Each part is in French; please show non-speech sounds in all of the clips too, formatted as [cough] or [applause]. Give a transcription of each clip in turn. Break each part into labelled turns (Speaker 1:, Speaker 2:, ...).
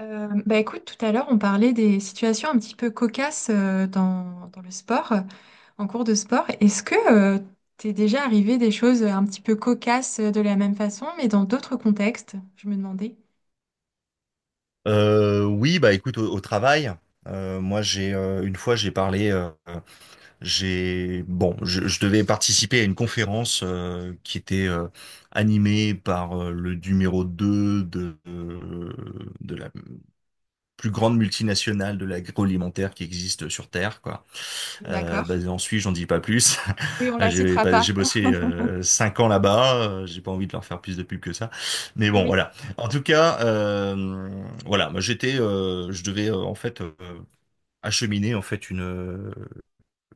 Speaker 1: Bah écoute, tout à l'heure, on parlait des situations un petit peu cocasses dans, dans le sport, en cours de sport. Est-ce que t'es déjà arrivé des choses un petit peu cocasses de la même façon, mais dans d'autres contextes? Je me demandais.
Speaker 2: Oui, bah écoute, au travail, moi j'ai une fois j'ai parlé, j'ai bon, je devais participer à une conférence qui était animée par le numéro 2 de, de la plus grande multinationale de l'agroalimentaire qui existe sur Terre, quoi.
Speaker 1: D'accord.
Speaker 2: Basé en Suisse, j'en dis pas plus.
Speaker 1: Oui, on
Speaker 2: [laughs]
Speaker 1: la
Speaker 2: J'ai
Speaker 1: citera
Speaker 2: pas-
Speaker 1: pas.
Speaker 2: J'ai bossé 5 ans là-bas. J'ai pas envie de leur faire plus de pub que ça. Mais bon,
Speaker 1: Oui,
Speaker 2: voilà. En tout cas, voilà. Moi, j'étais, je devais en fait acheminer en fait une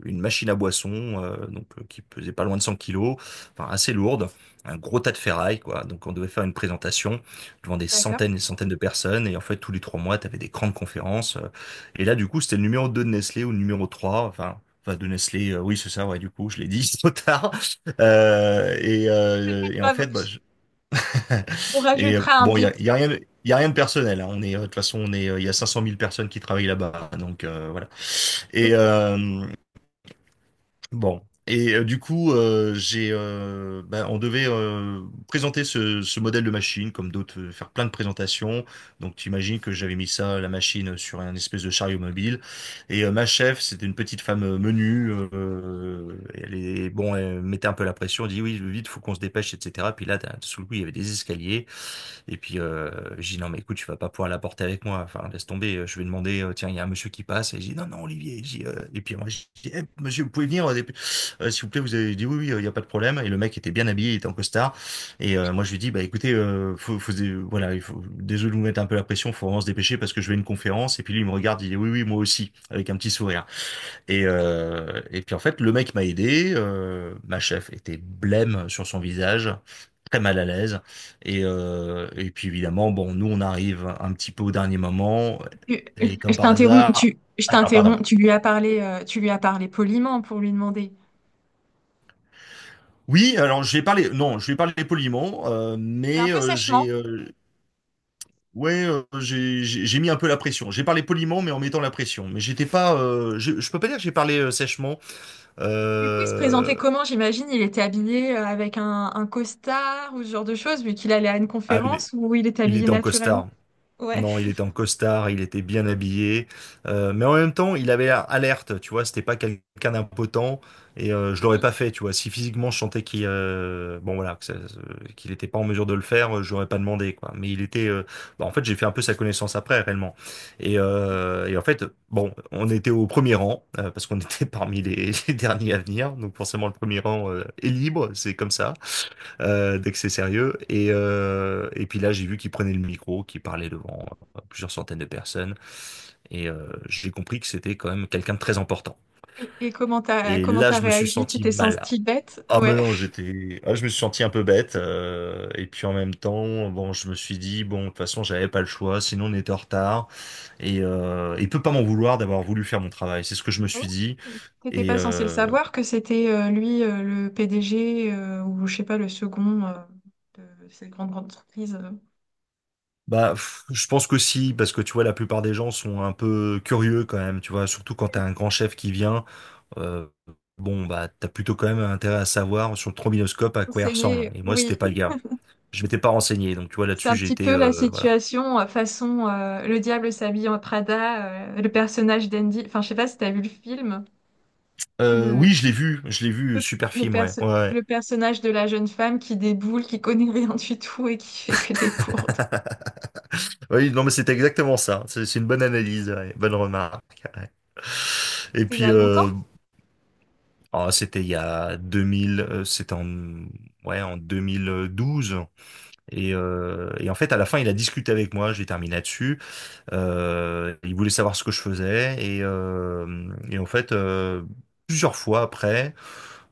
Speaker 2: une machine à boisson, donc qui pesait pas loin de 100 kilos, enfin assez lourde, un gros tas de ferraille, quoi. Donc on devait faire une présentation devant des centaines
Speaker 1: d'accord.
Speaker 2: et des centaines de personnes, et en fait tous les 3 mois, tu avais des grandes conférences. Et là, du coup, c'était le numéro 2 de Nestlé ou le numéro 3 enfin. Enfin, de Nestlé, oui, c'est ça, ouais, du coup, je l'ai dit [laughs] trop tard.
Speaker 1: C'est
Speaker 2: Et en
Speaker 1: pas grave.
Speaker 2: fait, bah,
Speaker 1: On
Speaker 2: [laughs]
Speaker 1: rajoutera un
Speaker 2: bon,
Speaker 1: bip.
Speaker 2: il y a rien, il y a rien de personnel. Hein. On est, de toute façon, on est, il y a 500 000 personnes qui travaillent là-bas, donc voilà. Et, euh, Bon. Du coup, j'ai, ben, on devait présenter ce modèle de machine, comme d'autres, faire plein de présentations. Donc, tu imagines que j'avais mis ça, la machine, sur un espèce de chariot mobile. Ma chef, c'était une petite femme menue. Elle est, bon, elle mettait un peu la pression. Elle dit, oui, vite, faut qu'on se dépêche, etc. Puis là, sous le coup, il y avait des escaliers. Et puis, je dis: «Non, mais écoute, tu vas pas pouvoir l'apporter avec moi, enfin laisse tomber, je vais demander, tiens, il y a un monsieur qui passe» et je dis: «Non, non, Olivier», je dis, et puis moi, je dis: «Eh monsieur, vous pouvez venir, dépe s'il vous plaît, vous avez» dit «Oui, oui, il y a pas de problème» et le mec était bien habillé, il était en costard et moi je lui dis: «Bah écoutez, faut faut dé voilà, il faut désolé de vous mettre un peu la pression, faut vraiment se dépêcher parce que je vais à une conférence» et puis lui, il me regarde, il dit: «Oui, oui, moi aussi» avec un petit sourire. Et puis en fait, le mec m'a aidé. Ma chef était blême sur son visage, très mal à l'aise. Et puis évidemment, bon, nous on arrive un petit peu au dernier moment. Et comme
Speaker 1: Je
Speaker 2: par
Speaker 1: t'interromps,
Speaker 2: hasard,
Speaker 1: je
Speaker 2: alors pardon.
Speaker 1: t'interromps, tu lui as parlé, tu lui as parlé poliment pour lui demander.
Speaker 2: Oui, alors je vais parler, non, je vais parler poliment,
Speaker 1: Fais un
Speaker 2: mais
Speaker 1: peu sèchement.
Speaker 2: j'ai, ouais, j'ai, j'ai mis un peu la pression. J'ai parlé poliment, mais en mettant la pression. Mais j'étais pas, je peux pas dire que j'ai parlé sèchement.
Speaker 1: Du coup, il se présentait
Speaker 2: Euh,
Speaker 1: comment? J'imagine, il était habillé avec un costard ou ce genre de choses, vu qu'il allait à une
Speaker 2: Ah,
Speaker 1: conférence où il était
Speaker 2: il
Speaker 1: habillé
Speaker 2: était en
Speaker 1: naturellement.
Speaker 2: costard.
Speaker 1: Ouais.
Speaker 2: Non, il était en costard, il était bien habillé, mais en même temps, il avait l'air alerte, tu vois, c'était pas quelqu'un d'impotent, je l'aurais
Speaker 1: Oui.
Speaker 2: pas fait, tu vois. Si physiquement je sentais qu'il bon voilà, qu'il était pas en mesure de le faire, je l'aurais pas demandé, quoi. Mais il était, bah, en fait, j'ai fait un peu sa connaissance après, réellement. Et en fait, bon, on était au premier rang, parce qu'on était [laughs] parmi les derniers à venir, donc forcément le premier rang est libre, c'est comme ça dès que c'est sérieux. Et puis là, j'ai vu qu'il prenait le micro, qu'il parlait devant plusieurs centaines de personnes. J'ai compris que c'était quand même quelqu'un de très important.
Speaker 1: Et comment
Speaker 2: Et
Speaker 1: comment
Speaker 2: là,
Speaker 1: t'as
Speaker 2: je me suis
Speaker 1: réagi? Tu
Speaker 2: senti
Speaker 1: t'es
Speaker 2: mal.
Speaker 1: sentie bête?
Speaker 2: Ah mais
Speaker 1: Ouais.
Speaker 2: non, j'étais, ah, je me suis senti un peu bête. Et puis en même temps, bon, je me suis dit bon, de toute façon, j'avais pas le choix, sinon on était en retard. Il peut pas m'en vouloir d'avoir voulu faire mon travail. C'est ce que je me
Speaker 1: Ah bon.
Speaker 2: suis dit.
Speaker 1: T'étais
Speaker 2: Et
Speaker 1: pas censé le
Speaker 2: euh,
Speaker 1: savoir que c'était lui le PDG ou je sais pas le second de cette grande, grande entreprise.
Speaker 2: Bah, pff, je pense que si, parce que tu vois, la plupart des gens sont un peu curieux quand même, tu vois, surtout quand t'as un grand chef qui vient, euh, bon, bah, t'as plutôt quand même intérêt à savoir sur le trombinoscope à quoi il ressemble.
Speaker 1: Enseigné,
Speaker 2: Et moi,
Speaker 1: oui,
Speaker 2: c'était pas le gars. Je m'étais pas renseigné, donc tu vois,
Speaker 1: c'est
Speaker 2: là-dessus,
Speaker 1: un
Speaker 2: j'ai
Speaker 1: petit
Speaker 2: été,
Speaker 1: peu la
Speaker 2: voilà.
Speaker 1: situation façon Le diable s'habille en Prada, le personnage d'Andy. Enfin, je sais pas si t'as vu le film.
Speaker 2: Oui,
Speaker 1: Le,
Speaker 2: je l'ai vu,
Speaker 1: le,
Speaker 2: super
Speaker 1: le
Speaker 2: film, ouais,
Speaker 1: perso-
Speaker 2: ouais, ouais.
Speaker 1: le personnage de la jeune femme qui déboule, qui connaît rien du tout et qui fait que des bourdes.
Speaker 2: [laughs] Oui, non, mais c'était exactement ça. C'est une bonne analyse, ouais, bonne remarque. Ouais. Et
Speaker 1: C'est il y
Speaker 2: puis,
Speaker 1: a longtemps?
Speaker 2: euh, ah, c'était il y a 2000, c'était en, ouais, en 2012. Et en fait, à la fin, il a discuté avec moi. J'ai terminé là-dessus. Il voulait savoir ce que je faisais. Et en fait, plusieurs fois après,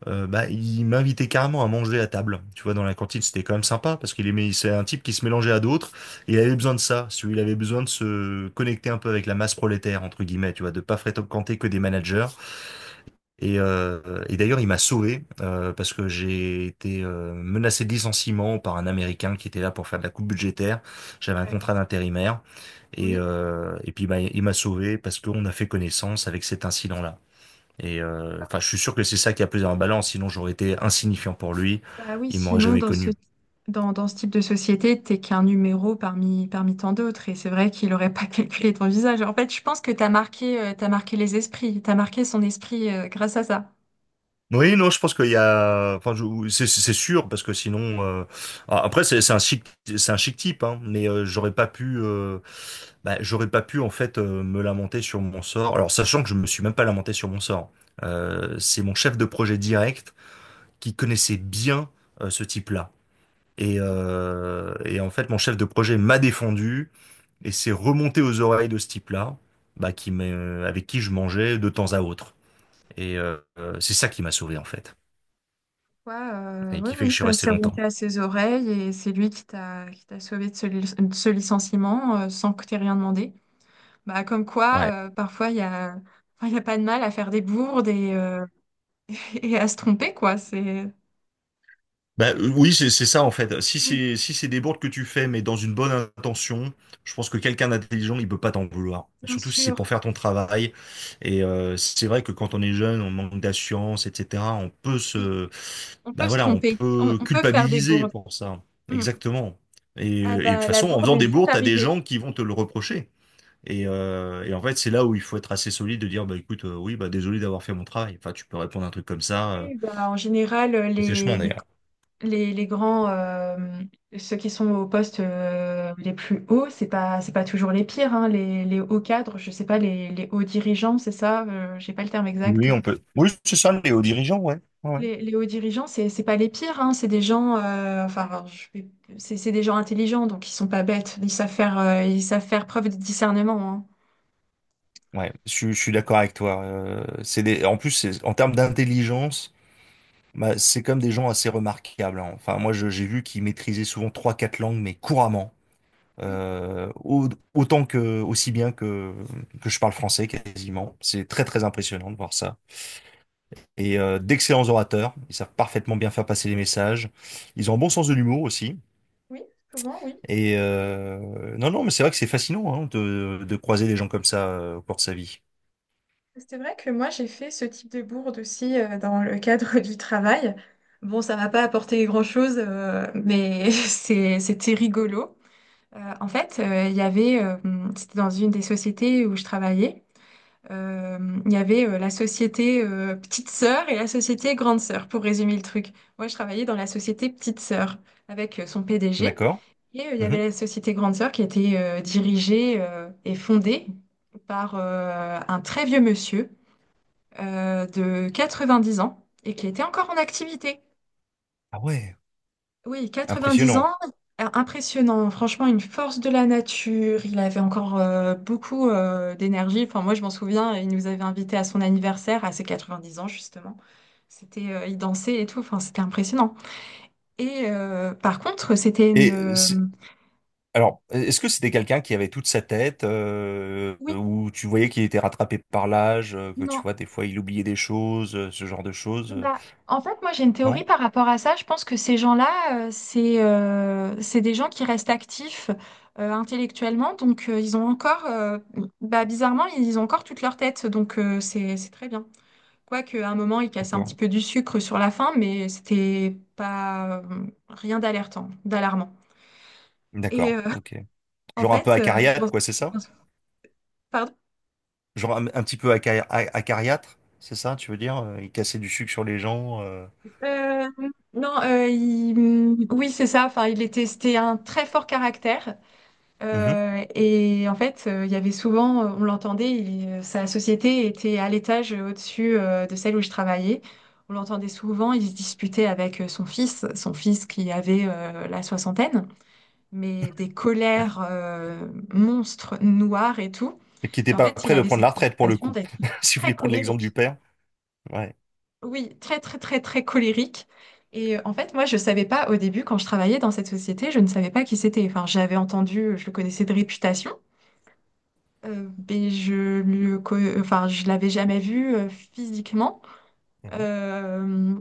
Speaker 2: bah, il m'invitait carrément à manger à table. Tu vois, dans la cantine, c'était quand même sympa parce qu'il aimait. C'est un type qui se mélangeait à d'autres. Et il avait besoin de ça. Si tu veux, il avait besoin de se connecter un peu avec la masse prolétaire entre guillemets. Tu vois, de pas fréquenter que des managers et d'ailleurs, il m'a sauvé parce que j'ai été menacé de licenciement par un Américain qui était là pour faire de la coupe budgétaire. J'avais un contrat
Speaker 1: D'accord.
Speaker 2: d'intérimaire
Speaker 1: Oui.
Speaker 2: et puis bah, il m'a sauvé parce qu'on a fait connaissance avec cet incident-là. Enfin, je
Speaker 1: D'accord.
Speaker 2: suis sûr que c'est ça qui a pesé en balance, sinon j'aurais été insignifiant pour lui.
Speaker 1: Bah oui,
Speaker 2: Il m'aurait
Speaker 1: sinon,
Speaker 2: jamais
Speaker 1: dans ce,
Speaker 2: connu.
Speaker 1: dans, dans ce type de société, t'es qu'un numéro parmi, parmi tant d'autres. Et c'est vrai qu'il n'aurait pas [laughs] calculé ton visage. En fait, je pense que t'as marqué les esprits. T'as marqué son esprit, grâce à ça.
Speaker 2: Oui, non, je pense qu'il y a, enfin, c'est sûr parce que sinon, ah, après c'est un chic type, hein, mais j'aurais pas pu. Bah, j'aurais pas pu en fait me lamenter sur mon sort. Alors sachant que je me suis même pas lamenté sur mon sort. C'est mon chef de projet direct qui connaissait bien ce type-là. Et en fait, mon chef de projet m'a défendu et s'est remonté aux oreilles de ce type-là, bah, avec qui je mangeais de temps à autre. C'est ça qui m'a sauvé en fait,
Speaker 1: Ouais,
Speaker 2: et
Speaker 1: oui,
Speaker 2: qui fait que je
Speaker 1: oui,
Speaker 2: suis
Speaker 1: bah,
Speaker 2: resté
Speaker 1: c'est
Speaker 2: longtemps.
Speaker 1: remonté à ses oreilles et c'est lui qui qui t'a sauvé de de ce licenciement, sans que t'aies rien demandé. Bah, comme quoi, parfois, enfin, il y a pas de mal à faire des bourdes et [laughs] et à se tromper, quoi. C'est...
Speaker 2: Bah, oui, c'est ça en fait.
Speaker 1: Oui,
Speaker 2: Si c'est des bourdes que tu fais, mais dans une bonne intention, je pense que quelqu'un d'intelligent, il peut pas t'en vouloir.
Speaker 1: bien
Speaker 2: Surtout si c'est pour
Speaker 1: sûr.
Speaker 2: faire ton travail. C'est vrai que quand on est jeune, on manque d'assurance, etc. On peut
Speaker 1: Oui,
Speaker 2: se,
Speaker 1: on
Speaker 2: bah
Speaker 1: peut se
Speaker 2: voilà, on
Speaker 1: tromper.
Speaker 2: peut
Speaker 1: On peut faire des
Speaker 2: culpabiliser
Speaker 1: bourdes.
Speaker 2: pour ça.
Speaker 1: Mm.
Speaker 2: Exactement.
Speaker 1: Ah
Speaker 2: Et de toute
Speaker 1: bah, la
Speaker 2: façon, en
Speaker 1: bourde
Speaker 2: faisant
Speaker 1: est
Speaker 2: des
Speaker 1: vite
Speaker 2: bourdes, t'as des
Speaker 1: arrivée.
Speaker 2: gens qui vont te le reprocher. Et en fait, c'est là où il faut être assez solide de dire, bah écoute, oui, bah désolé d'avoir fait mon travail. Enfin, tu peux répondre à un truc comme ça,
Speaker 1: Oui, bah, en général,
Speaker 2: et sèchement d'ailleurs.
Speaker 1: les grands, ceux qui sont aux postes les plus hauts, c'est pas toujours les pires, hein, les hauts cadres, je sais pas, les hauts dirigeants, c'est ça, j'ai pas le terme exact.
Speaker 2: Oui, on peut. Oui, c'est ça, les hauts dirigeants, ouais. Ouais, ouais.
Speaker 1: Les hauts dirigeants, c'est pas les pires, hein, c'est des gens, c'est des gens intelligents, donc ils sont pas bêtes, ils savent faire preuve de discernement, hein.
Speaker 2: Ouais, je suis d'accord avec toi. C'est des... En plus, en termes d'intelligence, bah, c'est comme des gens assez remarquables. Hein. Enfin, moi, j'ai vu qu'ils maîtrisaient souvent trois, quatre langues, mais couramment.
Speaker 1: Oui,
Speaker 2: Autant que, aussi bien que je parle français quasiment. C'est très, très impressionnant de voir ça. D'excellents orateurs. Ils savent parfaitement bien faire passer les messages. Ils ont un bon sens de l'humour aussi.
Speaker 1: oui, souvent, oui.
Speaker 2: Non, non, mais c'est vrai que c'est fascinant hein, de croiser des gens comme ça au cours de sa vie.
Speaker 1: C'est vrai que moi, j'ai fait ce type de bourde aussi dans le cadre [laughs] du travail. Bon, ça m'a pas apporté grand-chose, mais [laughs] c'était rigolo. En fait, il y avait, C'était dans une des sociétés où je travaillais. Euh, il y avait la société Petite Sœur et la société Grande Sœur, pour résumer le truc. Moi, je travaillais dans la société Petite Sœur avec son PDG.
Speaker 2: D'accord?
Speaker 1: Et il y avait
Speaker 2: Mhm.
Speaker 1: la société Grande Sœur qui était dirigée et fondée par un très vieux monsieur de 90 ans et qui était encore en activité.
Speaker 2: Ah ouais,
Speaker 1: Oui, 90
Speaker 2: impressionnant.
Speaker 1: ans, impressionnant. Franchement, une force de la nature. Il avait encore beaucoup d'énergie. Enfin, moi, je m'en souviens, il nous avait invités à son anniversaire, à ses 90 ans, justement. Il dansait et tout. Enfin, c'était impressionnant. Et par contre, c'était une.
Speaker 2: Et euh, c'est- alors, est-ce que c'était quelqu'un qui avait toute sa tête,
Speaker 1: Oui,
Speaker 2: ou tu voyais qu'il était rattrapé par l'âge, que tu
Speaker 1: non,
Speaker 2: vois, des fois il oubliait des choses, ce genre de choses?
Speaker 1: Bah, en fait, moi j'ai une théorie
Speaker 2: Non?
Speaker 1: par rapport à ça. Je pense que ces gens-là, c'est des gens qui restent actifs intellectuellement, donc ils ont encore, bah, bizarrement, ils ont encore toute leur tête, donc c'est très bien. Quoique à un moment, ils cassaient un petit
Speaker 2: D'accord.
Speaker 1: peu du sucre sur la fin, mais c'était pas rien d'alertant, d'alarmant. Et
Speaker 2: D'accord,
Speaker 1: euh,
Speaker 2: ok.
Speaker 1: [laughs] en
Speaker 2: Genre un peu
Speaker 1: fait,
Speaker 2: acariâtre, quoi, c'est
Speaker 1: je
Speaker 2: ça?
Speaker 1: pense- pardon.
Speaker 2: Un petit peu acariâtre, c'est ça, tu veux dire? Il cassait du sucre sur les gens.
Speaker 1: Euh, non, il- Oui, c'est ça. Enfin, c'était un très fort caractère. Et en fait, il y avait souvent, On l'entendait, sa société était à l'étage au-dessus de celle où je travaillais. On l'entendait souvent, il se disputait avec son fils qui avait la soixantaine, mais des colères monstres, noires et tout.
Speaker 2: Et qui n'était
Speaker 1: Et en
Speaker 2: pas
Speaker 1: fait, il
Speaker 2: prêt de
Speaker 1: avait
Speaker 2: prendre
Speaker 1: cette
Speaker 2: la retraite pour le
Speaker 1: passion
Speaker 2: coup.
Speaker 1: d'être
Speaker 2: [laughs] Si vous
Speaker 1: très
Speaker 2: voulez prendre l'exemple du
Speaker 1: colérique.
Speaker 2: père. Ouais.
Speaker 1: Oui, très, très, très, très colérique. Moi, je savais pas au début, quand je travaillais dans cette société, je ne savais pas qui c'était. Enfin, j'avais entendu, je le connaissais de réputation. Enfin, je l'avais jamais vu physiquement.
Speaker 2: Mhm.
Speaker 1: Euh,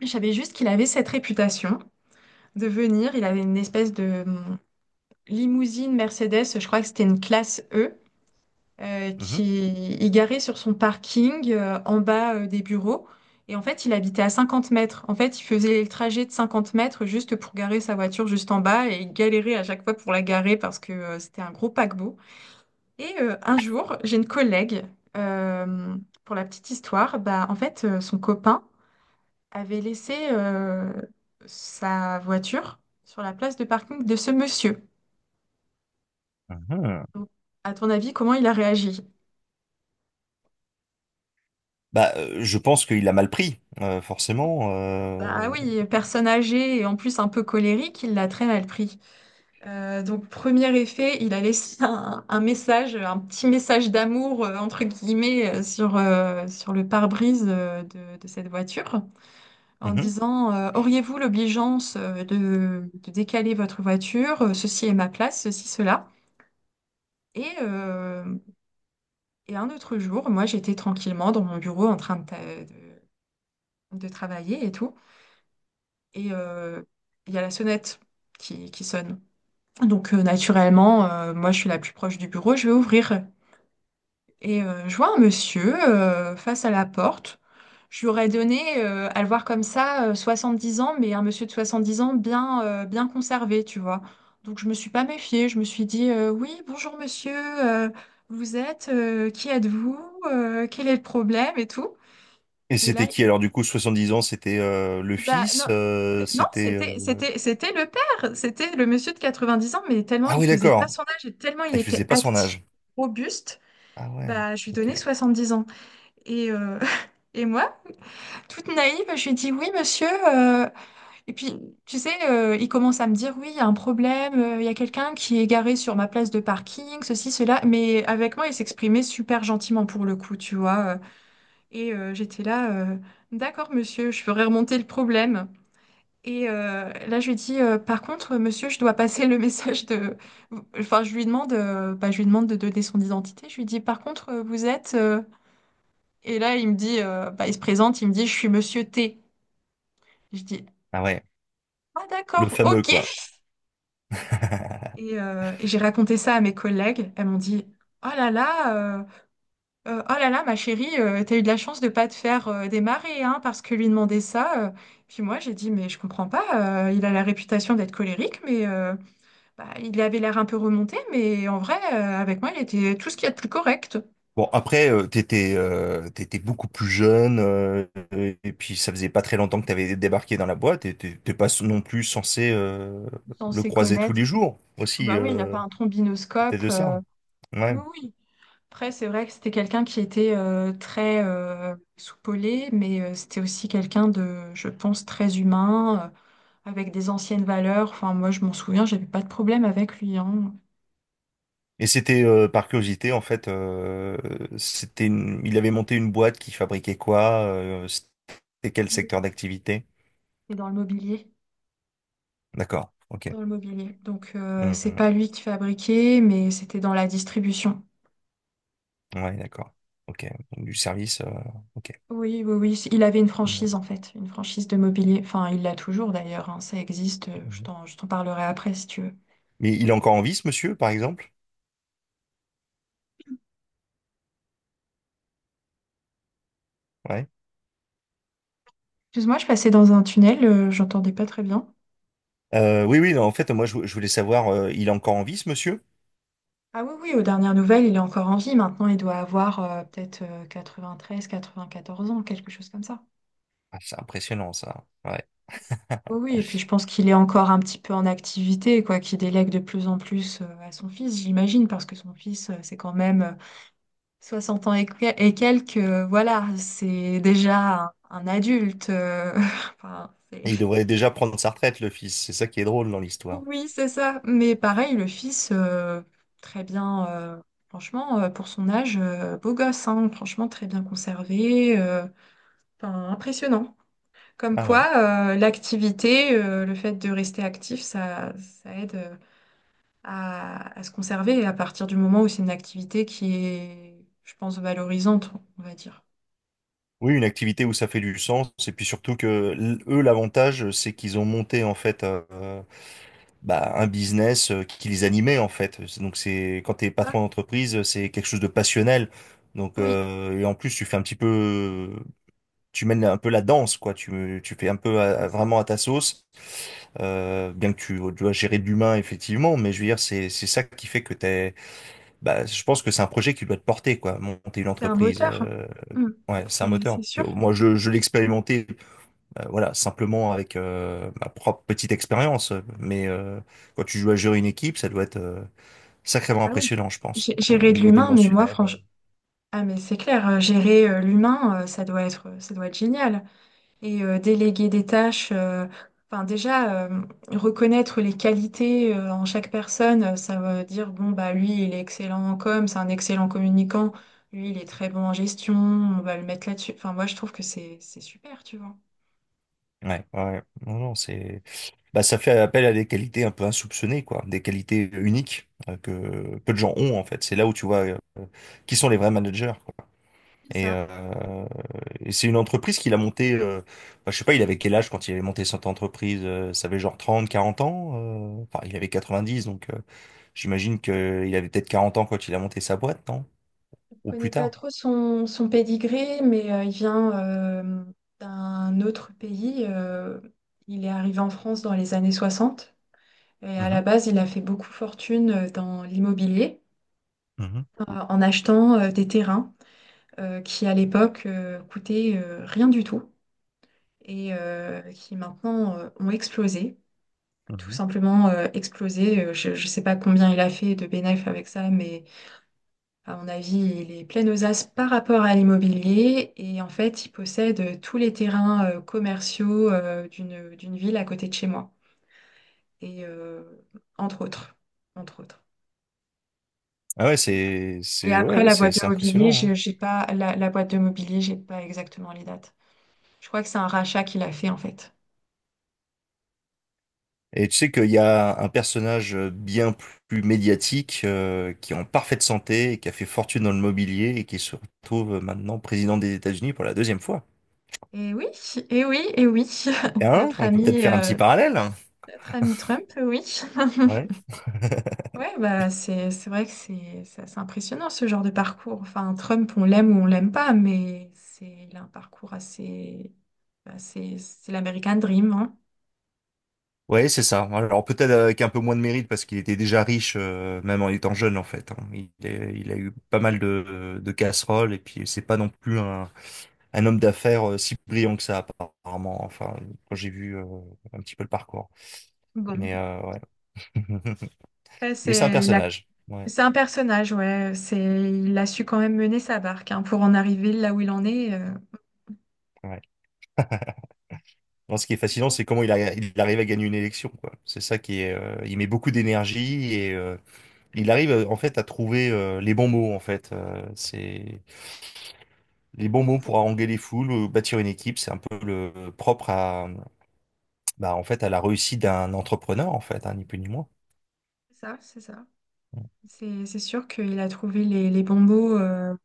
Speaker 1: je savais juste qu'il avait cette réputation de venir. Il avait une espèce de limousine Mercedes, je crois que c'était une classe E,
Speaker 2: Mhm.
Speaker 1: qui il garait sur son parking en bas des bureaux. Et en fait, il habitait à 50 mètres. En fait, il faisait le trajet de 50 mètres juste pour garer sa voiture juste en bas et il galérait à chaque fois pour la garer parce que c'était un gros paquebot. Un jour, j'ai une collègue, euh, pour la petite histoire, bah, en fait, son copain avait laissé sa voiture sur la place de parking de ce monsieur.
Speaker 2: Mhm.
Speaker 1: Donc, à ton avis, comment il a réagi?
Speaker 2: Bah, je pense qu'il a mal pris, forcément.
Speaker 1: Bah oui, personne âgée et en plus un peu colérique, il l'a très mal pris. Donc, premier effet, il a laissé [laughs] un message, un petit message d'amour, entre guillemets, sur le pare-brise de cette voiture, en
Speaker 2: Mhm.
Speaker 1: disant auriez-vous l'obligeance de décaler votre voiture? Ceci est ma place, ceci, cela. Et, euh, et un autre jour, moi j'étais tranquillement dans mon bureau en train de- de travailler et tout. Et euh, il y a la sonnette qui sonne. Donc naturellement, moi je suis la plus proche du bureau, je vais ouvrir. Et je vois un monsieur face à la porte. Je lui aurais donné, à le voir comme ça, dix ans, mais un monsieur de 70 ans bien, bien conservé, tu vois. Donc je me suis pas méfiée. Je me suis dit, oui, bonjour monsieur, qui êtes-vous, quel est le problème et tout.
Speaker 2: Et
Speaker 1: Et là,
Speaker 2: c'était qui alors du coup, 70 ans, c'était le
Speaker 1: bah non,
Speaker 2: fils,
Speaker 1: non,
Speaker 2: c'était...
Speaker 1: c'était le père, c'était le monsieur de 90 ans, mais tellement
Speaker 2: Ah
Speaker 1: il
Speaker 2: oui,
Speaker 1: faisait pas
Speaker 2: d'accord.
Speaker 1: son âge et tellement il
Speaker 2: Ah, il
Speaker 1: était
Speaker 2: faisait pas son
Speaker 1: actif,
Speaker 2: âge.
Speaker 1: robuste,
Speaker 2: Ah ouais,
Speaker 1: bah je lui
Speaker 2: ok.
Speaker 1: donnais 70 ans. Et, euh, [laughs] et moi, toute naïve, je lui dis oui, monsieur. Et puis, tu sais, il commence à me dire oui, il y a un problème, il y a quelqu'un qui est garé sur ma place de parking, ceci, cela. Mais avec moi, il s'exprimait super gentiment pour le coup, tu vois. J'étais là, d'accord, monsieur, je ferai remonter le problème. Et là, je lui dis, par contre, monsieur, je dois passer le [laughs] message de. Enfin, je lui demande, je lui demande de donner son identité. Je lui dis, par contre, vous êtes. Et là, il me dit, il se présente, il me dit, je suis Monsieur T. Je dis,
Speaker 2: Ah ouais,
Speaker 1: ah
Speaker 2: le
Speaker 1: d'accord,
Speaker 2: fameux
Speaker 1: ok.
Speaker 2: quoi. [laughs]
Speaker 1: Et j'ai raconté ça à mes collègues. Elles m'ont dit, oh là là, oh là là, ma chérie, t'as eu de la chance de pas te faire démarrer, hein, parce que lui demander ça. Puis moi, j'ai dit, mais je comprends pas. Il a la réputation d'être colérique, mais bah, il avait l'air un peu remonté, mais en vrai, avec moi, il était tout ce qu'il y a de plus correct.
Speaker 2: Bon, après, t'étais, t'étais beaucoup plus jeune, et puis ça faisait pas très longtemps que t'avais débarqué dans la boîte, et t'es pas non plus censé le
Speaker 1: Censé
Speaker 2: croiser tous les
Speaker 1: connaître.
Speaker 2: jours aussi,
Speaker 1: Bah oui, il n'y a pas un
Speaker 2: peut-être
Speaker 1: trombinoscope.
Speaker 2: de ça.
Speaker 1: Oui,
Speaker 2: Ouais.
Speaker 1: oui. Après, c'est vrai que c'était quelqu'un qui était très soupolé, mais c'était aussi quelqu'un de, je pense, très humain, avec des anciennes valeurs. Enfin, moi, je m'en souviens, j'avais pas de problème avec lui, hein.
Speaker 2: Et c'était par curiosité, en fait, il avait monté une boîte qui fabriquait quoi, c'était quel secteur d'activité?
Speaker 1: Et dans le mobilier,
Speaker 2: D'accord, ok.
Speaker 1: dans le mobilier. Donc, c'est
Speaker 2: Mhm.
Speaker 1: pas lui qui fabriquait, mais c'était dans la distribution.
Speaker 2: Ouais, d'accord. Ok, du service, ok.
Speaker 1: Oui, oui, oui. Il avait une franchise en fait, une franchise de mobilier. Enfin, il l'a toujours d'ailleurs, hein. Ça existe.
Speaker 2: Mhm.
Speaker 1: Je t'en parlerai après si tu veux.
Speaker 2: Mais il est encore en vie, ce monsieur, par exemple? Ouais.
Speaker 1: Excuse-moi, je passais dans un tunnel. J'entendais pas très bien.
Speaker 2: Oui, oui, non, en fait, moi, je voulais savoir, il est encore en vie, ce monsieur?
Speaker 1: Ah oui, oui, aux dernières nouvelles, il est encore en vie. Maintenant, il doit avoir peut-être quatre-vingt-treize, quatre-vingt-quatorze ans, quelque chose comme ça.
Speaker 2: Ah, c'est impressionnant, ça. Ouais.
Speaker 1: Oui,
Speaker 2: [laughs]
Speaker 1: oui, et puis je pense qu'il est encore un petit peu en activité, quoi, qu'il délègue de plus en plus à son fils, j'imagine, parce que son fils, c'est quand même 60 ans et quelques. Voilà, c'est déjà un adulte. [laughs] Enfin,
Speaker 2: Il
Speaker 1: c'est-
Speaker 2: devrait déjà prendre sa retraite, le fils. C'est ça qui est drôle dans l'histoire.
Speaker 1: oui, c'est ça. Mais pareil, le fils, très bien, franchement, pour son âge, beau gosse, hein, franchement, très bien conservé. Enfin, impressionnant. Comme
Speaker 2: Ah ouais.
Speaker 1: quoi, l'activité, le fait de rester actif, ça aide à se conserver et à partir du moment où c'est une activité qui est, je pense, valorisante, on va dire.
Speaker 2: Oui, une activité où ça fait du sens. Et puis surtout que eux, l'avantage, c'est qu'ils ont monté en fait bah, un business qui les animait en fait. Donc c'est quand t'es
Speaker 1: Ça,
Speaker 2: patron d'entreprise, c'est quelque chose de passionnel. Donc
Speaker 1: oui,
Speaker 2: et en plus, tu fais un petit peu, tu mènes un peu la danse quoi. Tu fais un peu
Speaker 1: c'est ça.
Speaker 2: vraiment à ta sauce. Bien que tu dois gérer de l'humain, effectivement, mais je veux dire, c'est ça qui fait que t'es. Bah, je pense que c'est un projet qui doit te porter, quoi. Monter une
Speaker 1: C'est un
Speaker 2: entreprise,
Speaker 1: moteur. Mm.
Speaker 2: ouais, c'est un moteur.
Speaker 1: C'est
Speaker 2: Que
Speaker 1: sûr.
Speaker 2: moi, je l'ai expérimenté, voilà, simplement avec ma propre petite expérience. Mais quand tu joues à gérer une équipe, ça doit être sacrément
Speaker 1: Ah oui.
Speaker 2: impressionnant, je pense,
Speaker 1: Gé-
Speaker 2: au
Speaker 1: Gérer de
Speaker 2: niveau
Speaker 1: l'humain, mais moi,
Speaker 2: dimensionnel.
Speaker 1: franchement, ah mais c'est clair, gérer l'humain, ça doit être génial, et déléguer des tâches. Enfin, déjà, reconnaître les qualités en chaque personne, ça veut dire, bon, bah, lui, il est excellent en com, c'est un excellent communicant, lui, il est très bon en gestion, on va le mettre là-dessus. Enfin, moi, je trouve que c'est super, tu vois.
Speaker 2: Ouais, ouais, ouais. Non, non, c'est, bah, ça fait appel à des qualités un peu insoupçonnées, quoi, des qualités uniques que peu de gens ont en fait. C'est là où tu vois qui sont les vrais managers. Quoi.
Speaker 1: C'est
Speaker 2: Et,
Speaker 1: ça.
Speaker 2: euh, et c'est une entreprise qu'il a montée. Bah, je sais pas, il avait quel âge quand il avait monté cette entreprise? Ça avait genre 30 40 ans. Euh, enfin, il avait 90 donc j'imagine que il avait peut-être 40 ans quand il a monté sa boîte, non?
Speaker 1: Je ne
Speaker 2: Ou plus
Speaker 1: connais pas
Speaker 2: tard.
Speaker 1: trop son pédigré, mais il vient d'un autre pays. Il est arrivé en France dans les années 60 et à la base, il a fait beaucoup fortune dans l'immobilier, en achetant des terrains qui à l'époque coûtaient rien du tout et qui maintenant ont explosé, tout
Speaker 2: Mhm.
Speaker 1: simplement explosé. Je ne sais pas combien il a fait de bénéfices avec ça, mais à mon avis, il est plein aux as par rapport à l'immobilier et en fait, il possède tous les terrains commerciaux d'une d'une ville à côté de chez moi et entre autres, entre autres.
Speaker 2: Ah ouais,
Speaker 1: Et
Speaker 2: ouais,
Speaker 1: après
Speaker 2: ouais,
Speaker 1: la boîte de
Speaker 2: c'est
Speaker 1: mobilier,
Speaker 2: impressionnant. Hein.
Speaker 1: j'ai pas la boîte de mobilier, j'ai pas exactement les dates. Je crois que c'est un rachat qu'il a fait en fait.
Speaker 2: Et tu sais qu'il y a un personnage bien plus médiatique, qui est en parfaite santé, et qui a fait fortune dans le mobilier et qui se retrouve maintenant président des États-Unis pour la deuxième fois.
Speaker 1: Et oui, et oui, et oui.
Speaker 2: Et
Speaker 1: [laughs]
Speaker 2: hein,
Speaker 1: Notre
Speaker 2: on peut peut-être
Speaker 1: ami,
Speaker 2: faire un petit
Speaker 1: euh,
Speaker 2: parallèle. Hein.
Speaker 1: notre ami Trump, oui. [laughs]
Speaker 2: Ouais. [laughs]
Speaker 1: Ouais, bah c'est vrai que c'est assez impressionnant ce genre de parcours. Enfin, Trump, on l'aime ou on l'aime pas, mais c'est il a un parcours assez bah, c'est l'American Dream, hein.
Speaker 2: Ouais, c'est ça. Alors peut-être avec un peu moins de mérite parce qu'il était déjà riche, même en étant jeune en fait. Hein. Il a eu pas mal de casseroles et puis c'est pas non plus un homme d'affaires si brillant que ça apparemment. Enfin, quand j'ai vu un petit peu le parcours.
Speaker 1: Bon,
Speaker 2: Mais ouais. [laughs]
Speaker 1: ouais,
Speaker 2: Mais c'est un personnage. Ouais,
Speaker 1: c'est un personnage, ouais. C'est Il a su quand même mener sa barque hein, pour en arriver là où il en est.
Speaker 2: ouais. Non, ce qui est fascinant, c'est comment il arrive à gagner une élection, quoi. C'est ça qui est. Euh, il met beaucoup d'énergie et il arrive en fait à trouver les bons mots, en fait. C'est les bons
Speaker 1: Oui,
Speaker 2: mots
Speaker 1: pour
Speaker 2: pour haranguer les foules, bâtir une équipe. C'est un peu le propre à, bah, en fait, à la réussite d'un entrepreneur, en fait, hein, ni plus ni moins.
Speaker 1: c'est ça, c'est ça. C'est sûr qu'il a trouvé les bons mots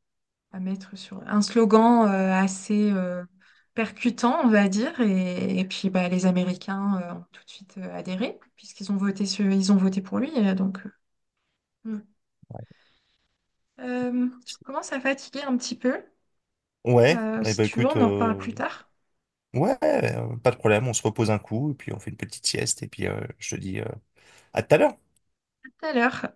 Speaker 1: à mettre sur un slogan assez percutant, on va dire. Et puis bah, les Américains ont tout de suite adhéré, puisqu'ils ont voté ils ont voté pour lui. Mm. Je commence à fatiguer un petit peu.
Speaker 2: Ouais. Eh
Speaker 1: Si
Speaker 2: ben
Speaker 1: tu veux,
Speaker 2: écoute,
Speaker 1: on en reparle plus tard.
Speaker 2: ouais, pas de problème. On se repose un coup et puis on fait une petite sieste et puis je te dis à tout à l'heure.
Speaker 1: À tout à l'heure.